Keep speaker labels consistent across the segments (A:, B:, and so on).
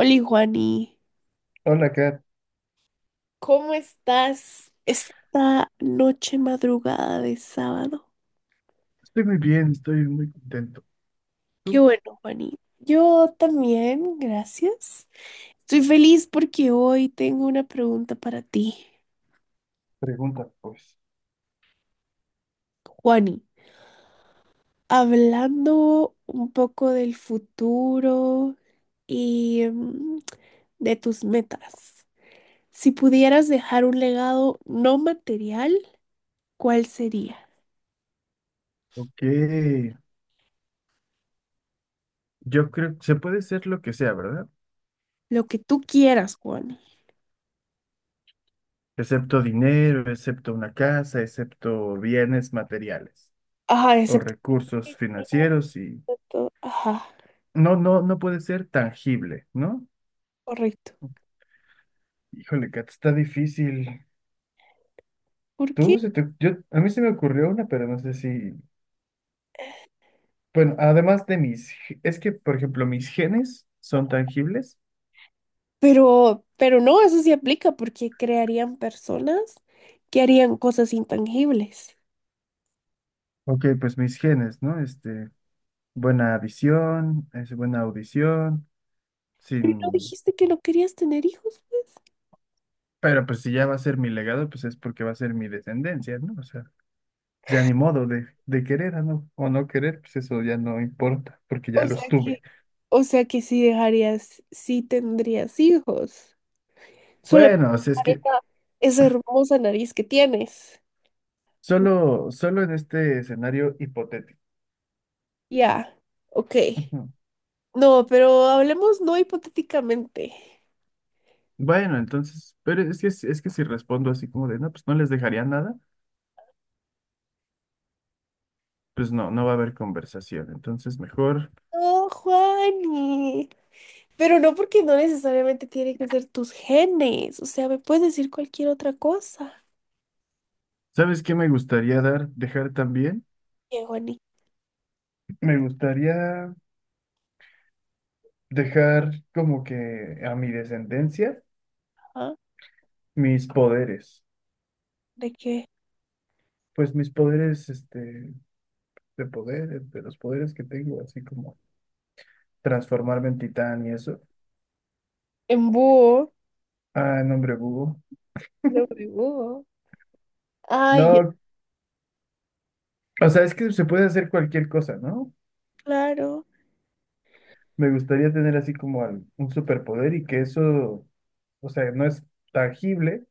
A: Oli, Juani,
B: Hola, Kat.
A: ¿cómo estás esta noche madrugada de sábado?
B: Estoy muy bien, estoy muy contento.
A: Qué
B: Tú,
A: bueno, Juani. Yo también, gracias. Estoy feliz porque hoy tengo una pregunta para ti.
B: pregunta, pues.
A: Juani, hablando un poco del futuro y de tus metas, si pudieras dejar un legado no material, ¿cuál sería?
B: Ok. Yo creo que se puede ser lo que sea, ¿verdad?
A: Lo que tú quieras, Juani.
B: Excepto dinero, excepto una casa, excepto bienes materiales
A: Ajá,
B: o
A: excepto.
B: recursos financieros y
A: Exacto, ajá,
B: no, no, no puede ser tangible, ¿no?
A: correcto.
B: Híjole, Kat, está difícil.
A: ¿Por qué?
B: Tú, a mí se me ocurrió una, pero no sé si... Bueno, además de mis... Es que, por ejemplo, mis genes son tangibles.
A: Pero no, eso sí aplica porque crearían personas que harían cosas intangibles.
B: Ok, pues mis genes, ¿no? Buena visión, es buena audición,
A: Pero no
B: sin...
A: dijiste que no querías tener hijos, pues.
B: Pero pues si ya va a ser mi legado, pues es porque va a ser mi descendencia, ¿no? O sea, ya ni modo de querer o no querer, pues eso ya no importa, porque ya
A: O
B: los
A: sea
B: tuve.
A: que, o sea que sí dejarías, sí tendrías hijos. Solo
B: Bueno, o sea, es
A: para
B: que
A: esa hermosa nariz que tienes.
B: solo en este escenario hipotético.
A: Ya, ok.
B: Ujú.
A: No, pero hablemos no hipotéticamente.
B: Bueno, entonces, pero es que si respondo así como de, no, pues no les dejaría nada, pues no, no va a haber conversación. Entonces, mejor,
A: No, Juani. Pero no porque no necesariamente tiene que ser tus genes. O sea, me puedes decir cualquier otra cosa.
B: ¿sabes qué me gustaría dar, dejar también?
A: ¿Qué, Juanita?
B: Me gustaría... dejar como que a mi descendencia
A: ¿Ah?
B: mis poderes,
A: ¿De qué?
B: pues mis poderes de poder, de los poderes que tengo, así como transformarme en titán y eso.
A: En búho.
B: Ah, nombre Hugo.
A: De búho. Ay, ya,
B: No, o sea, es que se puede hacer cualquier cosa, ¿no?
A: claro.
B: Me gustaría tener así como un superpoder y que eso, o sea, no es tangible,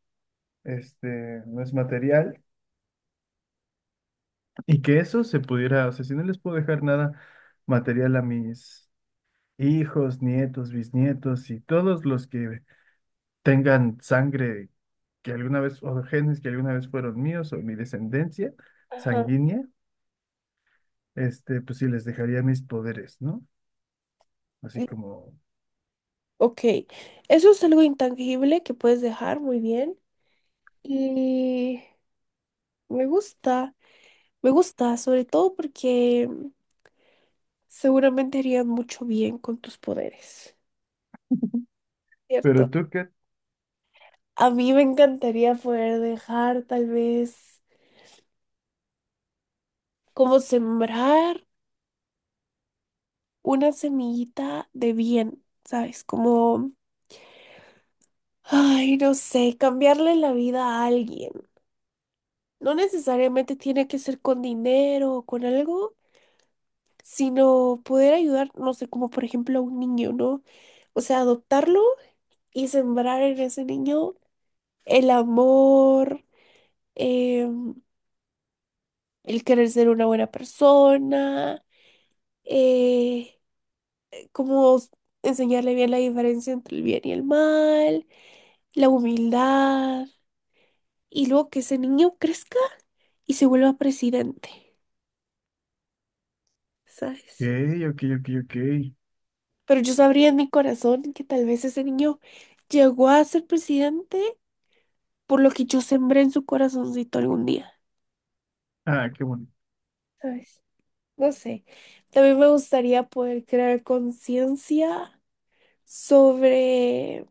B: no es material, y que eso se pudiera, o sea, si no les puedo dejar nada material a mis hijos, nietos, bisnietos y todos los que tengan sangre que alguna vez, o genes que alguna vez fueron míos o mi descendencia
A: Ajá.
B: sanguínea, pues sí les dejaría mis poderes, ¿no? Así
A: Y-
B: como,
A: Ok. Eso es algo intangible que puedes dejar muy bien. Y me gusta. Me gusta, sobre todo porque seguramente harían mucho bien con tus poderes. ¿Cierto?
B: pero tú qué, ok,
A: A mí me encantaría poder dejar tal vez como sembrar, una semillita de bien, ¿sabes? Como, ay, no sé, cambiarle la vida a alguien. No necesariamente tiene que ser con dinero o con algo, sino poder ayudar, no sé, como por ejemplo a un niño, ¿no? O sea, adoptarlo y sembrar en ese niño el amor, em, el querer ser una buena persona, eh, como enseñarle bien la diferencia entre el bien y el mal, la humildad, y luego que ese niño crezca y se vuelva presidente, ¿sabes?
B: ok, ok, ok.
A: Pero yo sabría en mi corazón que tal vez ese niño llegó a ser presidente por lo que yo sembré en su corazoncito algún día,
B: Ah, qué bueno.
A: ¿sabes? No sé. También me gustaría poder crear conciencia sobre.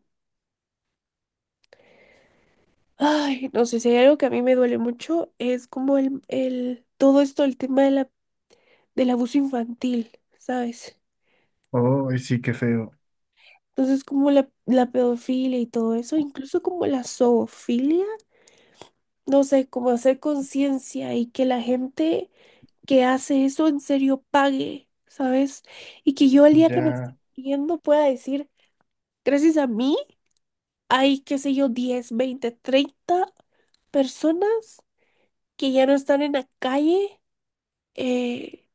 A: Ay, no sé, si hay algo que a mí me duele mucho es como todo esto, el tema de del abuso infantil, ¿sabes?
B: Oh, y sí, qué feo.
A: Entonces, como la pedofilia y todo eso, incluso como la zoofilia, no sé, como hacer conciencia y que la gente que hace eso en serio pague, ¿sabes? Y que yo el día que me esté
B: Ya,
A: muriendo pueda decir, gracias a mí, hay, qué sé yo, 10, 20, 30 personas que ya no están en la calle, eh,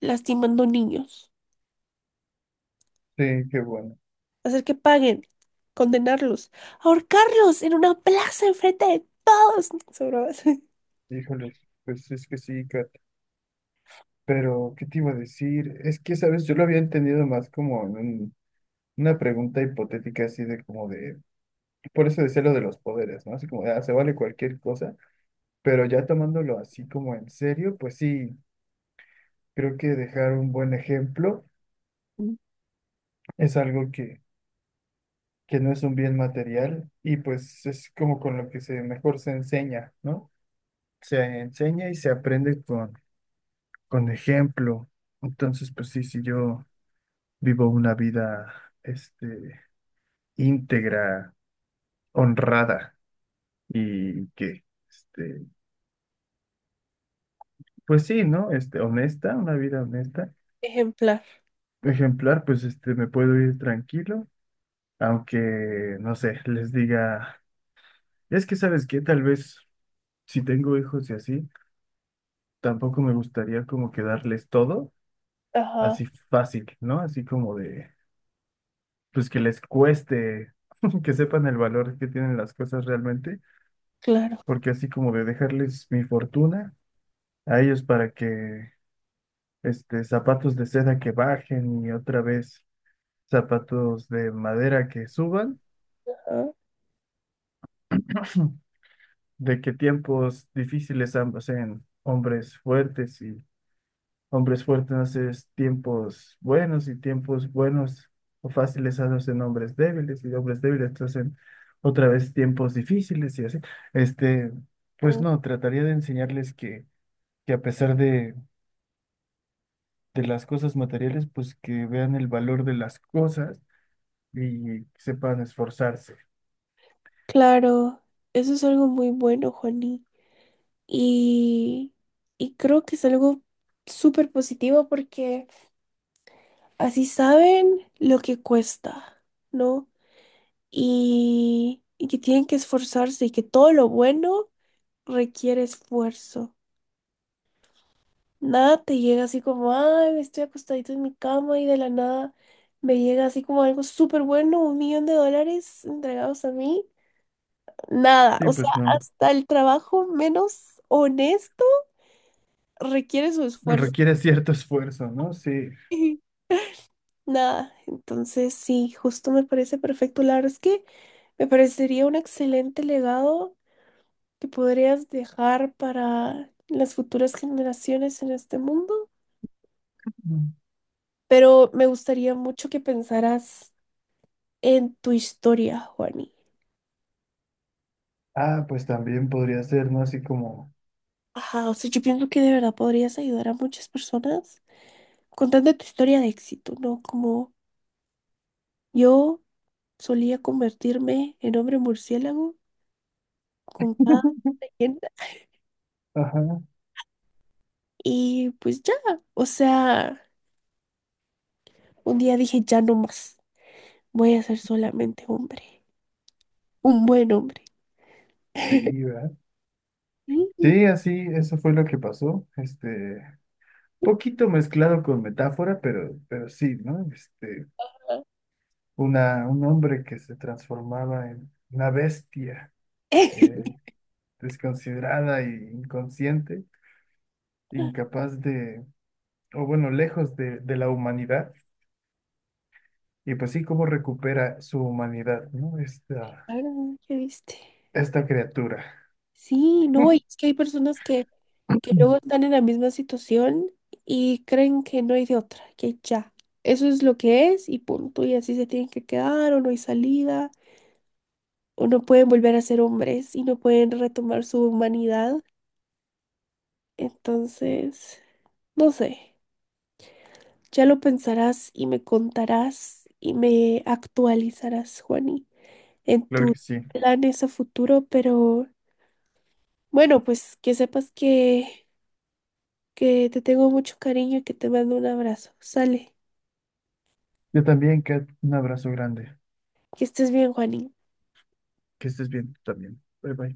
A: lastimando niños.
B: sí, qué bueno.
A: Hacer que paguen, condenarlos, ahorcarlos en una plaza enfrente de todos. Son bromas.
B: Híjoles, pues es que sí, Kat. Pero, ¿qué te iba a decir? Es que, ¿sabes? Yo lo había entendido más como en una pregunta hipotética así de como de... Por eso decía lo de los poderes, ¿no? Así como, ah, se vale cualquier cosa, pero ya tomándolo así como en serio, pues sí, creo que dejar un buen ejemplo
A: Mm.
B: es algo que no es un bien material y pues es como con lo que se mejor se enseña, ¿no? Se enseña y se aprende con ejemplo. Entonces, pues sí, si yo vivo una vida, este, íntegra, honrada y que, este, pues sí, ¿no? Honesta, una vida honesta
A: Ejemplar.
B: ejemplar, pues me puedo ir tranquilo, aunque, no sé, les diga, es que sabes que tal vez si tengo hijos y así, tampoco me gustaría como que darles todo
A: Ajá,
B: así fácil, ¿no? Así como de, pues que les cueste, que sepan el valor que tienen las cosas realmente,
A: claro.
B: porque así como de dejarles mi fortuna a ellos para que, zapatos de seda que bajen y otra vez zapatos de madera que suban.
A: Ajá.
B: De que tiempos difíciles hacen hombres fuertes y hombres fuertes hacen tiempos buenos y tiempos buenos o fáciles hacen hombres débiles y hombres débiles hacen otra vez tiempos difíciles y así. Este, pues
A: Ah,
B: no, trataría de enseñarles que a pesar de las cosas materiales, pues que vean el valor de las cosas y sepan esforzarse.
A: claro. Eso es algo muy bueno, Juani. Y, y creo que es algo súper positivo porque así saben lo que cuesta, ¿no? Y que tienen que esforzarse y que todo lo bueno requiere esfuerzo. Nada te llega así como, ay, me estoy acostadito en mi cama y de la nada me llega así como algo súper bueno, 1 millón de dólares entregados a mí. Nada,
B: Sí,
A: o sea,
B: pues no.
A: hasta el trabajo menos honesto requiere su esfuerzo.
B: Requiere cierto esfuerzo, ¿no? Sí.
A: Nada, entonces sí, justo me parece perfecto. La verdad es que me parecería un excelente legado que podrías dejar para las futuras generaciones en este mundo, pero me gustaría mucho que pensaras en tu historia, Juani.
B: Ah, pues también podría ser, ¿no? Así como,
A: Ajá, o sea, yo pienso que de verdad podrías ayudar a muchas personas contando tu historia de éxito, ¿no? Como yo solía convertirme en hombre murciélago con cada leyenda
B: ajá,
A: y pues ya, o sea, un día dije ya no más, voy a ser solamente hombre, un buen hombre.
B: sí, ¿verdad?
A: Sí,
B: Sí, así, eso fue lo que pasó. Poquito mezclado con metáfora, pero sí, ¿no? Una, un hombre que se transformaba en una bestia, eh, desconsiderada e inconsciente, incapaz de, o bueno, lejos de la humanidad. Y pues sí, cómo recupera su humanidad, ¿no? Esta,
A: claro, ya viste.
B: esta criatura.
A: Sí, no, y es que hay personas que luego están en la misma situación y creen que no hay de otra, que ya, eso es lo que es y punto, y así se tienen que quedar o no hay salida. O no pueden volver a ser hombres y no pueden retomar su humanidad. Entonces, no sé, ya lo pensarás y me contarás y me actualizarás, Juani, en
B: Claro
A: tus
B: que sí.
A: planes a futuro, pero bueno, pues que sepas que, te tengo mucho cariño y que te mando un abrazo. Sale,
B: Yo también, Kat, un abrazo grande.
A: que estés bien, Juani.
B: Que estés bien tú también. Bye bye.